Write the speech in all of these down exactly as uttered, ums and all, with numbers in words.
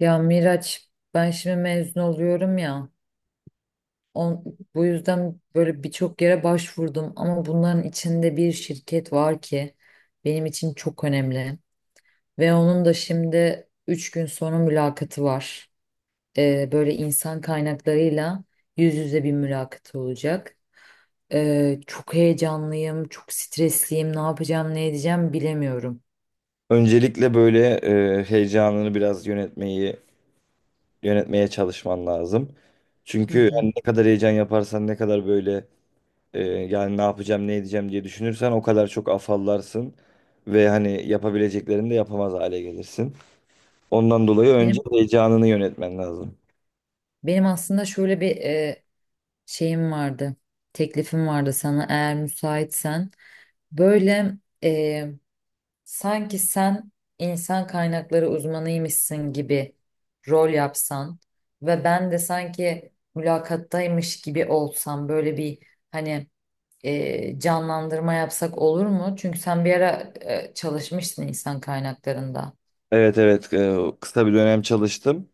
Ya Miraç, ben şimdi mezun oluyorum ya, on, bu yüzden böyle birçok yere başvurdum ama bunların içinde bir şirket var ki benim için çok önemli ve onun da şimdi üç gün sonra mülakatı var. Ee, böyle insan kaynaklarıyla yüz yüze bir mülakat olacak. Ee, çok heyecanlıyım, çok stresliyim, ne yapacağım, ne edeceğim bilemiyorum. Öncelikle böyle e, heyecanını biraz yönetmeyi yönetmeye çalışman lazım. Hı Çünkü hı. yani ne kadar heyecan yaparsan ne kadar böyle e, yani ne yapacağım ne edeceğim diye düşünürsen o kadar çok afallarsın ve hani yapabileceklerini de yapamaz hale gelirsin. Ondan dolayı önce Benim heyecanını yönetmen lazım. benim aslında şöyle bir e, şeyim vardı. Teklifim vardı sana, eğer müsaitsen. Böyle e, sanki sen insan kaynakları uzmanıymışsın gibi rol yapsan ve ben de sanki mülakattaymış gibi olsam, böyle bir hani e, canlandırma yapsak olur mu? Çünkü sen bir ara e, çalışmışsın insan kaynaklarında. Evet evet, e, kısa bir dönem çalıştım.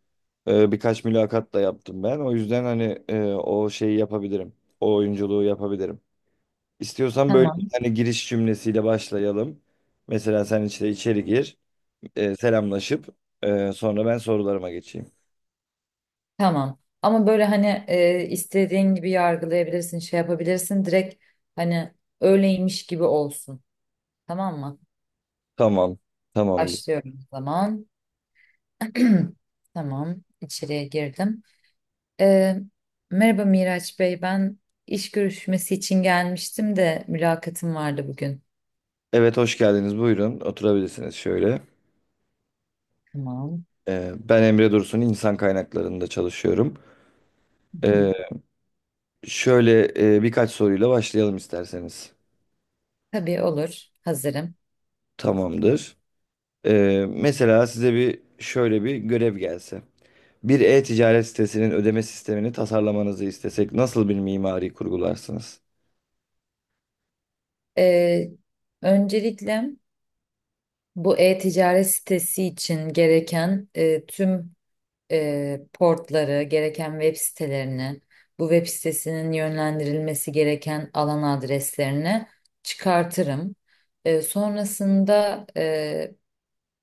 E, birkaç mülakat da yaptım ben. O yüzden hani e, o şeyi yapabilirim. O oyunculuğu yapabilirim. İstiyorsan böyle bir Tamam. tane giriş cümlesiyle başlayalım. Mesela sen işte içeri gir, e, selamlaşıp e, sonra ben sorularıma geçeyim. Tamam. Ama böyle hani e, istediğin gibi yargılayabilirsin, şey yapabilirsin. Direkt hani öyleymiş gibi olsun. Tamam mı? Tamam, tamamdır. Başlıyorum o zaman. Tamam, içeriye girdim. E, Merhaba Miraç Bey. Ben iş görüşmesi için gelmiştim de mülakatım vardı bugün. Evet, hoş geldiniz. Buyurun, oturabilirsiniz şöyle. Tamam. E, ben Emre Dursun, insan kaynaklarında çalışıyorum. Hı E, hı. Şöyle e, birkaç soruyla başlayalım isterseniz. Tabii olur. Hazırım. Tamamdır. E, Mesela size bir şöyle bir görev gelse. Bir e-ticaret sitesinin ödeme sistemini tasarlamanızı istesek nasıl bir mimari kurgularsınız? E, Öncelikle bu e-ticaret sitesi için gereken e, tüm e, portları, gereken web sitelerini, bu web sitesinin yönlendirilmesi gereken alan adreslerini çıkartırım. E, sonrasında e,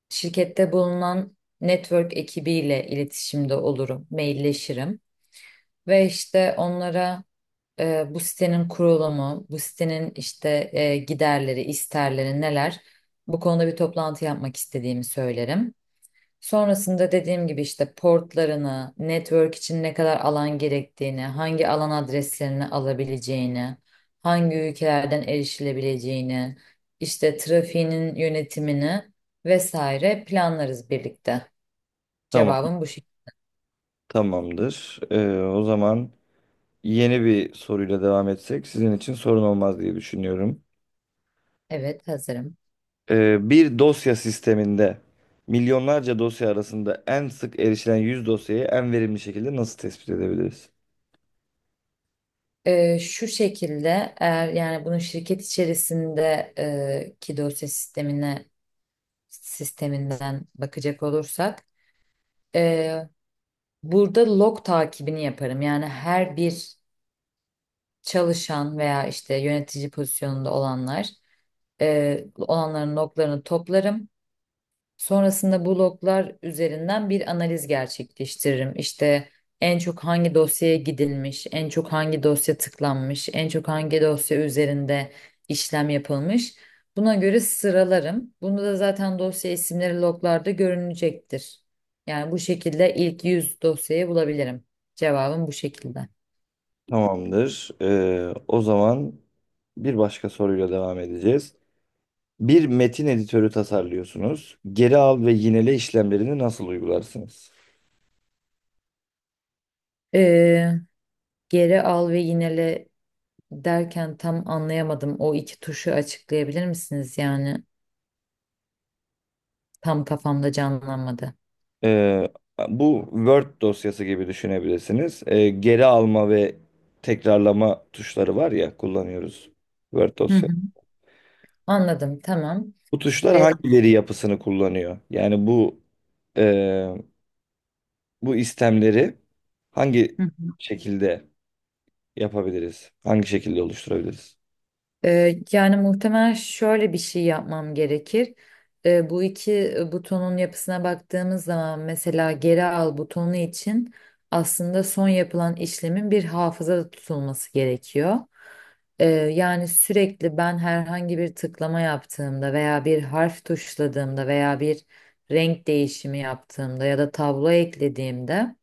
şirkette bulunan network ekibiyle iletişimde olurum, mailleşirim ve işte onlara e, bu sitenin kurulumu, bu sitenin işte e, giderleri, isterleri neler, bu konuda bir toplantı yapmak istediğimi söylerim. Sonrasında dediğim gibi işte portlarını, network için ne kadar alan gerektiğini, hangi alan adreslerini alabileceğini, hangi ülkelerden erişilebileceğini, işte trafiğinin yönetimini vesaire planlarız birlikte. Tamam. Cevabım bu şekilde. Tamamdır. Ee, o zaman yeni bir soruyla devam etsek sizin için sorun olmaz diye düşünüyorum. Evet, hazırım. Ee, bir dosya sisteminde milyonlarca dosya arasında en sık erişilen yüz dosyayı en verimli şekilde nasıl tespit edebiliriz? Ee, şu şekilde, eğer yani bunu şirket içerisinde e, ki dosya sistemine sisteminden bakacak olursak e, burada log takibini yaparım. Yani her bir çalışan veya işte yönetici pozisyonunda olanlar e, olanların loglarını toplarım. Sonrasında bu loglar üzerinden bir analiz gerçekleştiririm. İşte en çok hangi dosyaya gidilmiş, en çok hangi dosya tıklanmış, en çok hangi dosya üzerinde işlem yapılmış. Buna göre sıralarım. Bunda da zaten dosya isimleri loglarda görünecektir. Yani bu şekilde ilk yüz dosyayı bulabilirim. Cevabım bu şekilde. Tamamdır. Ee, o zaman bir başka soruyla devam edeceğiz. Bir metin editörü tasarlıyorsunuz. Geri al ve yinele işlemlerini nasıl uygularsınız? Ee, Geri al ve yinele derken tam anlayamadım. O iki tuşu açıklayabilir misiniz? Yani tam kafamda canlanmadı. Ee, Bu Word dosyası gibi düşünebilirsiniz. Ee, geri alma ve tekrarlama tuşları var ya, kullanıyoruz Word Hı dosya. hı. Anladım, tamam. Bu tuşlar Ee, hangi veri yapısını kullanıyor? Yani bu e, bu istemleri hangi şekilde yapabiliriz? Hangi şekilde oluşturabiliriz? Ee, yani muhtemelen şöyle bir şey yapmam gerekir. Ee, bu iki butonun yapısına baktığımız zaman mesela geri al butonu için aslında son yapılan işlemin bir hafızada tutulması gerekiyor. Ee, yani sürekli ben herhangi bir tıklama yaptığımda veya bir harf tuşladığımda veya bir renk değişimi yaptığımda ya da tablo eklediğimde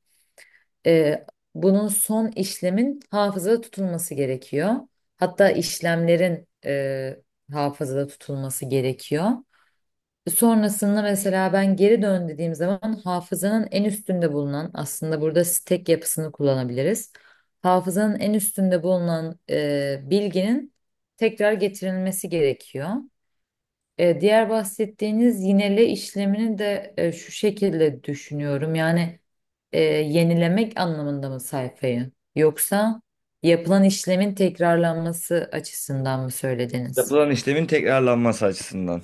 e, bunun son işlemin hafızada tutulması gerekiyor. Hatta işlemlerin e, hafızada tutulması gerekiyor. Sonrasında mesela ben geri dön dediğim zaman hafızanın en üstünde bulunan, aslında burada stack yapısını kullanabiliriz. Hafızanın en üstünde bulunan e, bilginin tekrar getirilmesi gerekiyor. E, diğer bahsettiğiniz yinele işlemini de e, şu şekilde düşünüyorum. Yani e, yenilemek anlamında mı sayfayı? Yoksa yapılan işlemin tekrarlanması açısından mı söylediniz? Yapılan işlemin tekrarlanması açısından.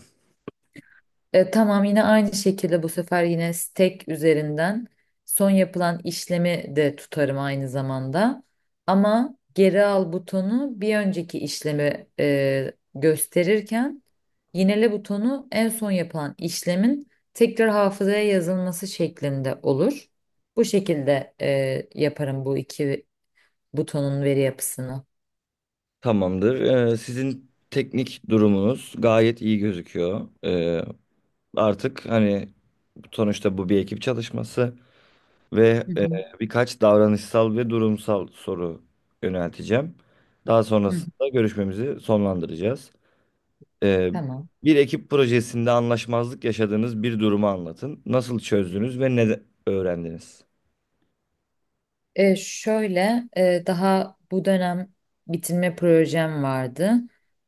E, tamam, yine aynı şekilde bu sefer yine stack üzerinden son yapılan işlemi de tutarım aynı zamanda. Ama geri al butonu bir önceki işlemi e, gösterirken, yinele butonu en son yapılan işlemin tekrar hafızaya yazılması şeklinde olur. Bu şekilde e, yaparım bu iki butonun veri yapısını. Tamamdır. Ee, sizin teknik durumunuz gayet iyi gözüküyor. Ee, artık hani sonuçta bu bir ekip çalışması ve Hı e, hı. birkaç davranışsal ve durumsal soru yönelteceğim. Daha Hı hı. sonrasında görüşmemizi sonlandıracağız. E, Tamam. Bir ekip projesinde anlaşmazlık yaşadığınız bir durumu anlatın. Nasıl çözdünüz ve ne de- öğrendiniz? E, şöyle, e, daha bu dönem bitirme projem vardı.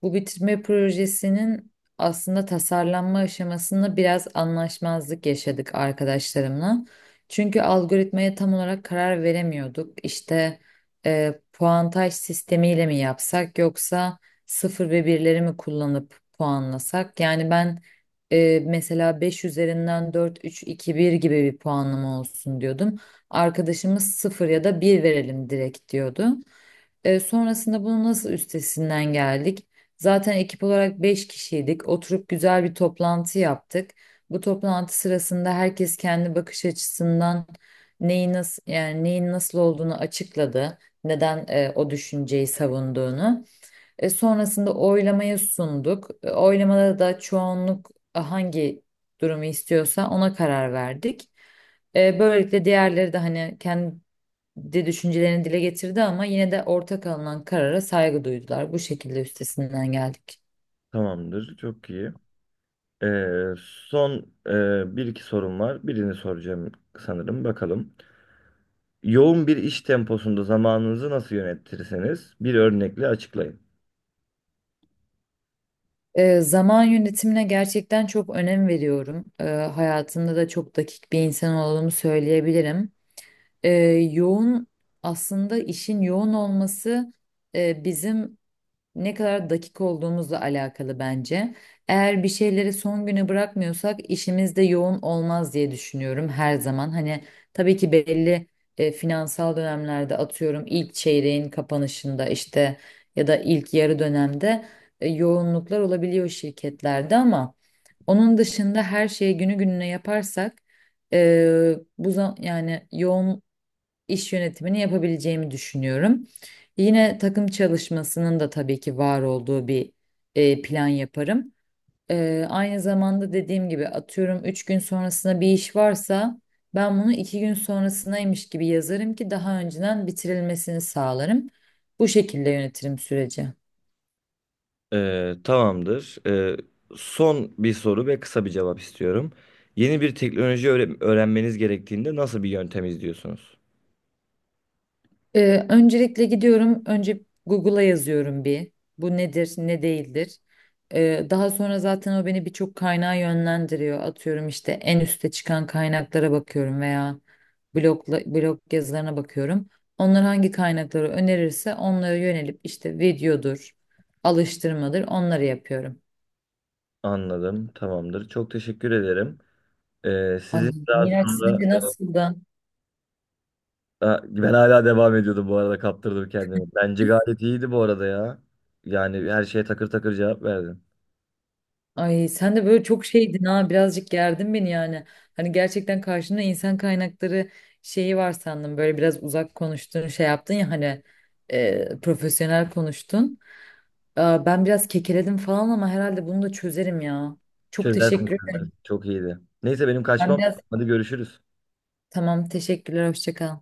Bu bitirme projesinin aslında tasarlanma aşamasında biraz anlaşmazlık yaşadık arkadaşlarımla. Çünkü algoritmaya tam olarak karar veremiyorduk. İşte e, puantaj sistemiyle mi yapsak yoksa sıfır ve birleri mi kullanıp puanlasak? Yani ben ee, mesela beş üzerinden dört, üç, iki, bir gibi bir puanlama olsun diyordum. Arkadaşımız sıfır ya da bir verelim direkt diyordu. Ee, sonrasında bunu nasıl üstesinden geldik? Zaten ekip olarak beş kişiydik. Oturup güzel bir toplantı yaptık. Bu toplantı sırasında herkes kendi bakış açısından neyi nasıl, yani neyin nasıl olduğunu açıkladı. Neden e, o düşünceyi savunduğunu. E, sonrasında oylamaya sunduk. E, oylamada da çoğunluk e, hangi durumu istiyorsa ona karar verdik. E, böylelikle diğerleri de hani kendi düşüncelerini dile getirdi ama yine de ortak alınan karara saygı duydular. Bu şekilde üstesinden geldik. Tamamdır, çok iyi. Ee, Son e, bir iki sorum var. Birini soracağım sanırım. Bakalım. Yoğun bir iş temposunda zamanınızı nasıl yönetirseniz bir örnekle açıklayın. E, zaman yönetimine gerçekten çok önem veriyorum. E, hayatımda da çok dakik bir insan olduğumu söyleyebilirim. E, yoğun aslında işin yoğun olması e, bizim ne kadar dakik olduğumuzla alakalı bence. Eğer bir şeyleri son güne bırakmıyorsak işimiz de yoğun olmaz diye düşünüyorum her zaman. Hani tabii ki belli e, finansal dönemlerde atıyorum ilk çeyreğin kapanışında işte ya da ilk yarı dönemde e, yoğunluklar olabiliyor şirketlerde ama onun dışında her şeyi günü gününe yaparsak e, bu zam- yani yoğun iş yönetimini yapabileceğimi düşünüyorum. Yine takım çalışmasının da tabii ki var olduğu bir e, plan yaparım. E, aynı zamanda dediğim gibi atıyorum üç gün sonrasında bir iş varsa ben bunu iki gün sonrasındaymış gibi yazarım ki daha önceden bitirilmesini sağlarım. Bu şekilde yönetirim süreci. Ee, tamamdır. Ee, son bir soru ve kısa bir cevap istiyorum. Yeni bir teknoloji öğre- öğrenmeniz gerektiğinde nasıl bir yöntem izliyorsunuz? Ee, öncelikle gidiyorum. Önce Google'a yazıyorum bir. Bu nedir, ne değildir. Ee, daha sonra zaten o beni birçok kaynağa yönlendiriyor. Atıyorum işte en üste çıkan kaynaklara bakıyorum veya blogla, blog yazılarına bakıyorum. Onlar hangi kaynakları önerirse onlara yönelip işte videodur, alıştırmadır onları yapıyorum. Anladım. Tamamdır. Çok teşekkür ederim. Ee, Ay Sizin daha Miraç, sonra sence nasıldı? Ha, ben hala devam ediyordum bu arada, kaptırdım kendimi. Bence gayet iyiydi bu arada ya. Yani her şeye takır takır cevap verdin. Ay sen de böyle çok şeydin ha, birazcık gerdin beni yani. Hani gerçekten karşında insan kaynakları şeyi var sandım. Böyle biraz uzak konuştun, şey yaptın ya hani e, profesyonel konuştun. Aa, ben biraz kekeledim falan ama herhalde bunu da çözerim ya. Çok Çözersin, teşekkür ederim. çözersin. Çok iyiydi. Neyse benim kaçmam Ben biraz, lazım. Hadi görüşürüz. tamam, teşekkürler, hoşça kal.